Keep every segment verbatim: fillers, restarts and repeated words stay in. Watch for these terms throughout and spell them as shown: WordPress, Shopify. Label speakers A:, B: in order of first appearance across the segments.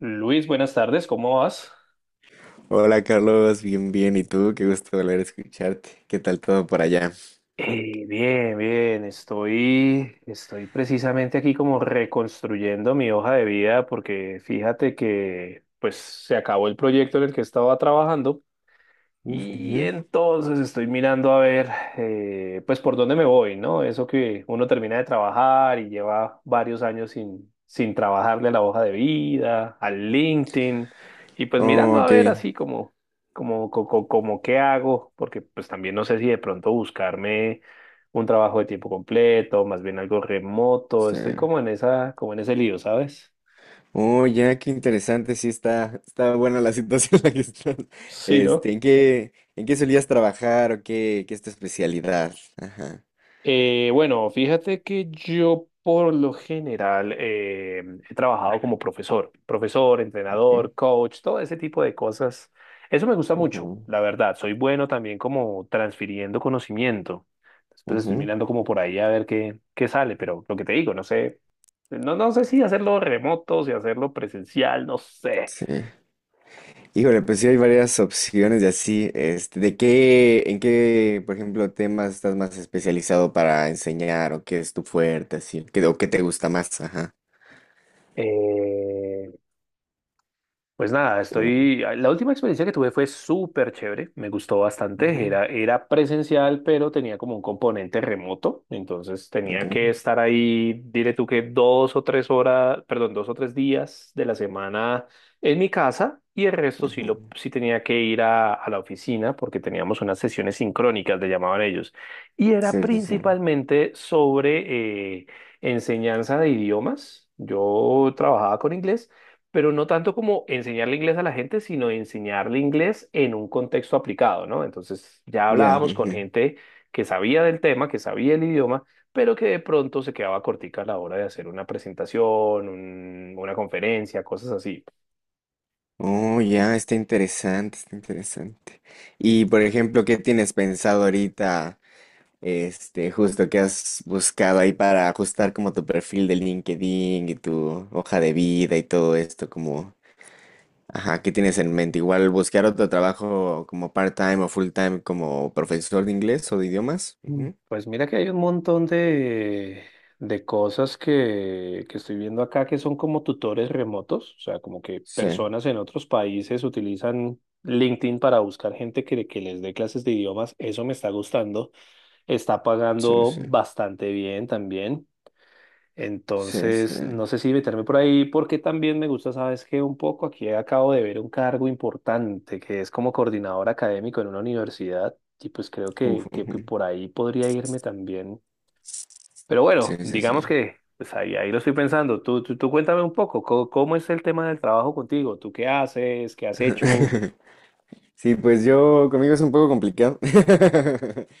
A: Luis, buenas tardes, ¿cómo vas?
B: Hola Carlos, bien, bien. ¿Y tú? Qué gusto volver a escucharte. ¿Qué tal todo por allá?
A: Eh, bien, bien, estoy, estoy precisamente aquí como reconstruyendo mi hoja de vida porque fíjate que pues se acabó el proyecto en el que estaba trabajando.
B: Uf,
A: Y
B: ujú.
A: entonces estoy mirando a ver, eh, pues por dónde me voy, ¿no? Eso que uno termina de trabajar y lleva varios años sin, sin trabajarle a la hoja de vida, al LinkedIn, y pues
B: Oh,
A: mirando a
B: ok. O
A: ver así como, como, co- co- como, qué hago, porque pues también no sé si de pronto buscarme un trabajo de tiempo completo, más bien algo remoto, estoy
B: sea,
A: como en esa, como en ese lío, ¿sabes?
B: oh, ya, qué interesante. Sí, está, está buena la situación en la que estás.
A: Sí, ¿no?
B: Este, ¿en qué, en qué solías trabajar o qué, qué es tu especialidad? Ajá,
A: Eh, bueno, fíjate que yo por lo general eh, he trabajado como profesor, profesor,
B: ok.
A: entrenador, coach, todo ese tipo de cosas. Eso me gusta mucho,
B: Ujú,
A: la verdad. Soy bueno también como transfiriendo conocimiento. Después estoy
B: ujú.
A: mirando como por ahí a ver qué, qué sale, pero lo que te digo, no sé, no, no sé si hacerlo remoto, si hacerlo presencial, no sé.
B: Sí. Híjole, pues sí hay varias opciones de así. Este, ¿de qué, en qué, por ejemplo, temas estás más especializado para enseñar o qué es tu fuerte, así, qué, o qué te gusta más? Ajá.
A: Eh, Pues nada,
B: Yo-
A: estoy. ah, la última experiencia que tuve fue súper chévere, me gustó bastante.
B: Ujú,
A: Era, era presencial, pero tenía como un componente remoto. Entonces
B: ok,
A: tenía que estar ahí, diré tú que dos o tres horas, perdón, dos o tres días de la semana en mi casa y el resto sí, lo,
B: ujú.
A: sí tenía que ir a, a la oficina porque teníamos unas sesiones sincrónicas, le llamaban ellos. Y era
B: Sí, sí, sí.
A: principalmente sobre eh, enseñanza de idiomas. Yo trabajaba con inglés pero no tanto como enseñarle inglés a la gente, sino enseñarle inglés en un contexto aplicado, ¿no? Entonces ya
B: Ya.
A: hablábamos con
B: Ujú.
A: gente que sabía del tema, que sabía el idioma, pero que de pronto se quedaba cortica a la hora de hacer una presentación, un- una conferencia, cosas así.
B: Oh, ya, está interesante, está interesante. Y por ejemplo, ¿qué tienes pensado ahorita? Este, justo que has buscado ahí para ajustar como tu perfil de LinkedIn y tu hoja de vida y todo esto, como, ajá, ¿qué tienes en mente? Igual buscar otro trabajo como part-time o full-time como profesor de inglés o de idiomas.
A: Mm.
B: Ujú.
A: Pues mira que hay un montón de, de cosas que, que estoy viendo acá que son como tutores remotos, o sea, como que
B: Sí,
A: personas en otros países utilizan LinkedIn para buscar gente que, que les dé clases de idiomas. Eso me está gustando, está
B: sí,
A: pagando
B: sí.
A: bastante bien también.
B: Sí, sí.
A: Entonces, no sé si meterme por ahí porque también me gusta, sabes que un poco aquí acabo de ver un cargo importante que es como coordinador académico en una universidad y pues creo
B: Uf,
A: que, que, que
B: ujú.
A: por ahí podría irme también. Pero
B: Sí,
A: bueno,
B: sí, sí.
A: digamos que pues ahí, ahí lo estoy pensando. Tú, tú, tú cuéntame un poco, ¿cómo, cómo es el tema del trabajo contigo? ¿Tú qué haces? ¿Qué has hecho?
B: Sí, pues yo, conmigo es un poco complicado.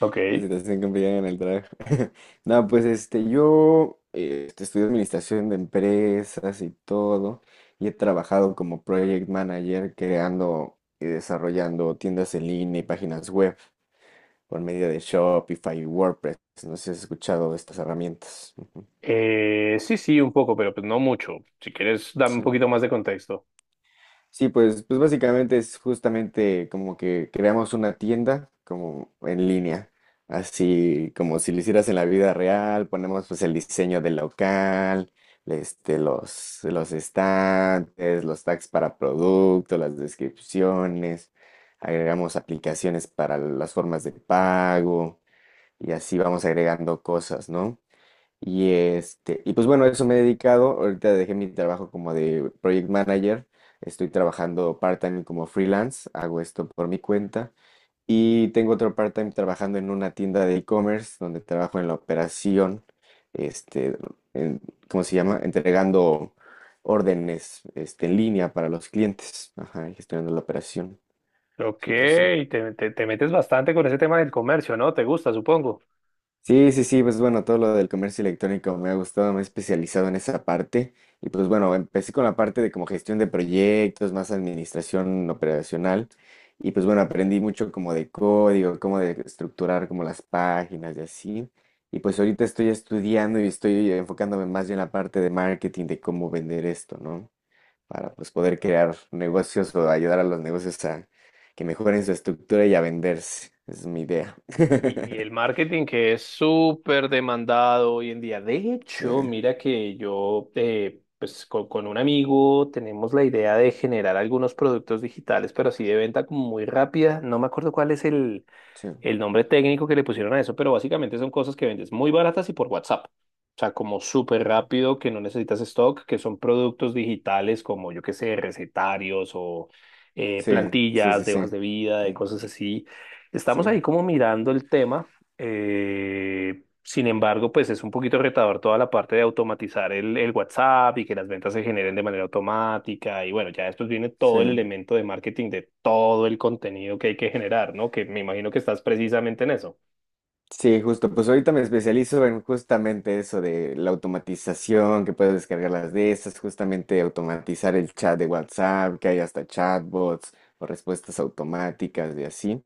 A: Ok.
B: La situación complicada en el trabajo. No, pues este, yo eh, este, estudié administración de empresas y todo, y he trabajado como project manager creando y desarrollando tiendas en línea y páginas web por medio de Shopify y WordPress. No sé si has escuchado de estas herramientas. Ujú.
A: Eh, sí, sí, un poco, pero pues no mucho. Si quieres, dame un
B: Sí.
A: poquito más de contexto.
B: Sí, pues, pues básicamente es justamente como que creamos una tienda como en línea, así como si lo hicieras en la vida real, ponemos pues el diseño del local, este, los, los estantes, los tags para producto, las descripciones, agregamos aplicaciones para las formas de pago y así vamos agregando cosas, ¿no? Y este, y pues bueno, a eso me he dedicado. Ahorita dejé mi trabajo como de project manager. Estoy trabajando part-time como freelance. Hago esto por mi cuenta. Y tengo otro part-time trabajando en una tienda de e-commerce donde trabajo en la operación, este, en- ¿cómo se llama? Entregando órdenes, este, en línea para los clientes. Ajá, y gestionando la operación.
A: Ok,
B: Sí, sí, sí.
A: te, te- te metes bastante con ese tema del comercio, ¿no? Te gusta, supongo.
B: Sí, sí, sí, pues bueno, todo lo del comercio electrónico me ha gustado, me he especializado en esa parte y pues bueno, empecé con la parte de como gestión de proyectos, más administración operacional y pues bueno, aprendí mucho como de código, cómo de estructurar como las páginas y así y pues ahorita estoy estudiando y estoy enfocándome más bien en la parte de marketing, de cómo vender esto, ¿no? Para pues poder crear negocios o ayudar a los negocios a que mejoren su estructura y a venderse, esa es mi idea.
A: Y, y el marketing que es súper demandado hoy en día. De
B: Sí.
A: hecho, mira que yo, eh, pues con, con un amigo tenemos la idea de generar algunos productos digitales, pero así de venta como muy rápida. No me acuerdo cuál es el
B: Sí.
A: nombre técnico que le pusieron a eso, pero básicamente son cosas que vendes muy baratas y por WhatsApp. O sea, como súper
B: Ok.
A: rápido, que no necesitas stock, que son productos digitales como, yo qué sé, recetarios o eh,
B: Sí, sí,
A: plantillas
B: sí,
A: de hojas
B: sí.
A: de vida,
B: Sí,
A: de cosas así. Estamos
B: sí,
A: ahí como mirando el tema eh, sin embargo, pues es un poquito retador toda la parte de automatizar el, el WhatsApp y que las ventas se generen de manera automática. Y bueno, ya después viene
B: sí.
A: todo el elemento de marketing de todo el contenido que hay que generar, ¿no? Que me imagino que estás precisamente en eso.
B: Sí, justo. Pues ahorita me especializo en justamente eso de la automatización, que puedes descargar las de esas, justamente automatizar el chat de WhatsApp, que hay hasta chatbots o respuestas automáticas y así.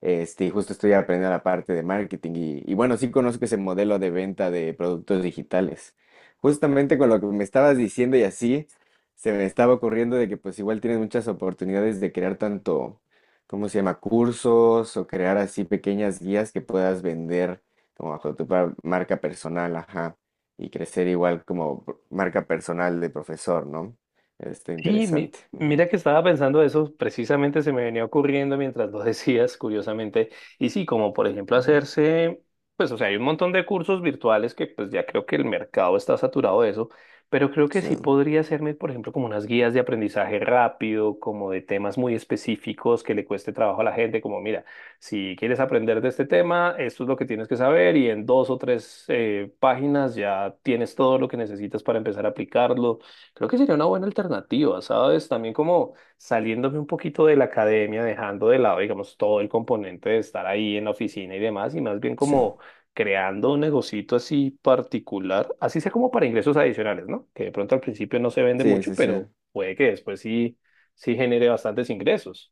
B: Este, y justo estoy aprendiendo la parte de marketing y, y bueno, sí conozco ese modelo de venta de productos digitales. Justamente con lo que me estabas diciendo y así, se me estaba ocurriendo de que pues igual tienes muchas oportunidades de crear tanto, ¿cómo se llama? Cursos o crear así pequeñas guías que puedas vender como bajo tu par- marca personal, ajá, y crecer igual como pr- marca personal de profesor, ¿no? Está
A: Sí, mi-
B: interesante. Ujú,
A: mira que estaba pensando eso, precisamente se me venía ocurriendo mientras lo decías, curiosamente. Y sí, como por ejemplo
B: ujú.
A: hacerse, pues o sea, hay un montón de cursos virtuales que pues ya creo que el mercado está saturado de eso, pero creo que
B: Sí,
A: sí podría hacerme, por ejemplo, como unas guías de aprendizaje rápido, como de temas muy específicos que le cueste trabajo a la gente, como mira, si quieres aprender de este tema, esto es lo que tienes que saber y en dos o tres eh, páginas ya tienes todo lo que necesitas para empezar a aplicarlo. Creo que sería una buena alternativa, ¿sabes? También como saliéndome un poquito de la academia, dejando de lado, digamos, todo el componente de estar ahí en la oficina y demás, y más bien
B: sí.
A: como creando un negocito así particular, así sea como para ingresos adicionales, ¿no? Que de pronto al principio no se vende
B: Sí,
A: mucho,
B: sí, sí.
A: pero puede que después sí, sí genere bastantes ingresos.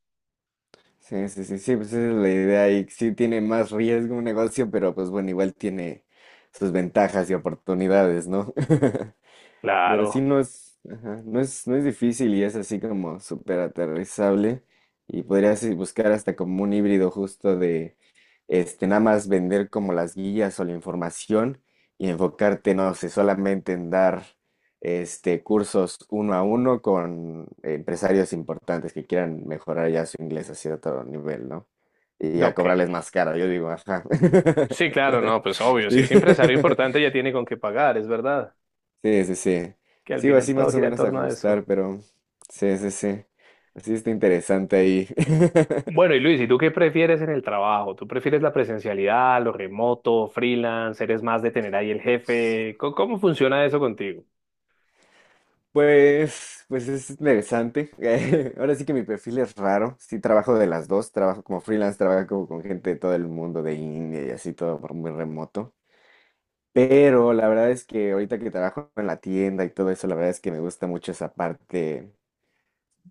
B: Sí, sí, sí, sí, pues esa es la idea y sí tiene más riesgo un negocio, pero pues bueno, igual tiene sus ventajas y oportunidades, ¿no? Pero sí
A: Claro,
B: no es, ajá, no es, no es, difícil y es así como súper aterrizable. Y podrías eh, buscar hasta como un híbrido justo de este, nada más vender como las guías o la información y enfocarte, no sé, solamente en dar este cursos uno a uno con empresarios importantes que quieran mejorar ya su inglés a cierto nivel, ¿no? Y ya
A: ok.
B: cobrarles más caro, yo digo, ajá.
A: Sí, claro, no, pues obvio, si
B: Sí.
A: es empresario importante ya tiene con qué pagar, es verdad,
B: Sí, sí, sí.
A: que al
B: Sigo
A: final
B: así
A: todo
B: más o
A: gira en
B: menos a
A: torno a eso.
B: ajustar, pero sí, sí, sí. Así está interesante ahí.
A: Bueno, y Luis, ¿y tú qué prefieres en el trabajo? ¿Tú prefieres la presencialidad, lo remoto, freelance? ¿Eres más de tener ahí el jefe? ¿Cómo, cómo funciona eso contigo?
B: Pues, pues es interesante. Ahora sí que mi perfil es raro. Sí, trabajo de las dos. Trabajo como freelance, trabajo con gente de todo el mundo, de India y así, todo por muy remoto. Pero la verdad es que ahorita que trabajo en la tienda y todo eso, la verdad es que me gusta mucho esa parte.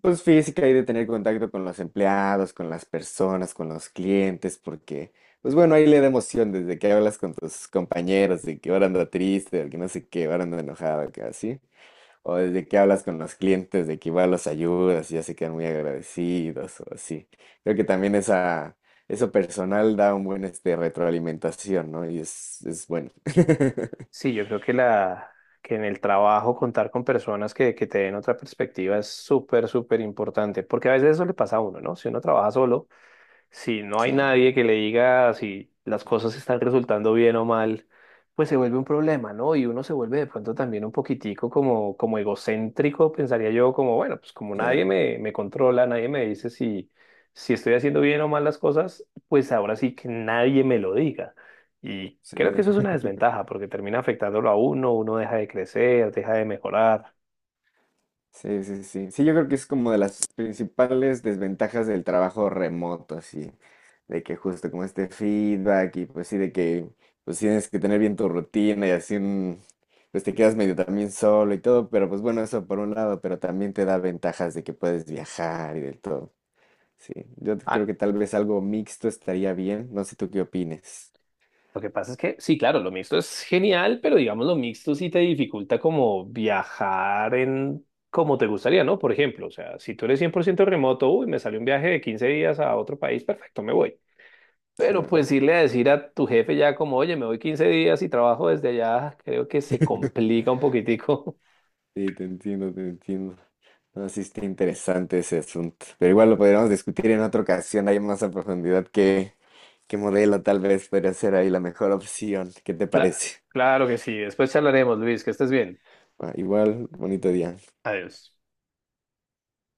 B: Pues física y de tener contacto con los empleados, con las personas, con los clientes, porque, pues bueno, ahí le da emoción desde que hablas con tus compañeros de que ahora anda triste, de que no sé qué, ahora anda enojado, que así. O desde que hablas con los clientes de que igual los ayudas y ya se quedan muy agradecidos o así. Creo que también esa, eso personal da un buen este, retroalimentación, ¿no? Y es, es bueno.
A: Sí, yo creo que la que en el trabajo contar con personas que, que te den otra perspectiva es súper, súper importante, porque a veces eso le pasa a uno, ¿no? Si uno trabaja solo, si no hay
B: Sí,
A: nadie que le diga si las cosas están resultando bien o mal, pues se vuelve un problema, ¿no? Y uno se vuelve de pronto también un poquitico como, como egocéntrico, pensaría yo, como, bueno, pues como nadie
B: sí,
A: me, me controla, nadie me dice si, si estoy haciendo bien o mal las cosas, pues ahora sí que nadie me lo diga. Y
B: sí.
A: creo que eso es una desventaja porque termina afectándolo a uno, uno deja de crecer, deja de mejorar.
B: Sí, sí, sí. Sí, yo creo que es como de las principales desventajas del trabajo remoto, así, de que justo como este feedback y pues sí, de que pues tienes que tener bien tu rutina y así, un- pues te quedas medio también solo y todo, pero pues bueno, eso por un lado, pero también te da ventajas de que puedes viajar y de todo. Sí, yo
A: A-
B: creo que tal vez algo mixto estaría bien, no sé tú qué opines.
A: lo que pasa es que, sí, claro, lo mixto es genial, pero digamos lo mixto sí te dificulta como viajar en como te gustaría, ¿no? Por ejemplo, o sea, si tú eres cien por ciento remoto, uy, me sale un viaje de quince días a otro país, perfecto, me voy.
B: Sí,
A: Pero pues irle a decir a tu jefe ya como, oye, me voy quince días y trabajo desde allá, creo que se complica un poquitico.
B: sí, te entiendo, te entiendo. No, sí está interesante ese asunto. Pero igual lo podríamos discutir en otra ocasión, hay más a profundidad qué, qué, modelo tal vez podría ser ahí la mejor opción. ¿Qué te
A: Claro,
B: parece?
A: claro que sí. Después charlaremos, Luis, que estés bien.
B: Ah, igual, bonito día.
A: Adiós.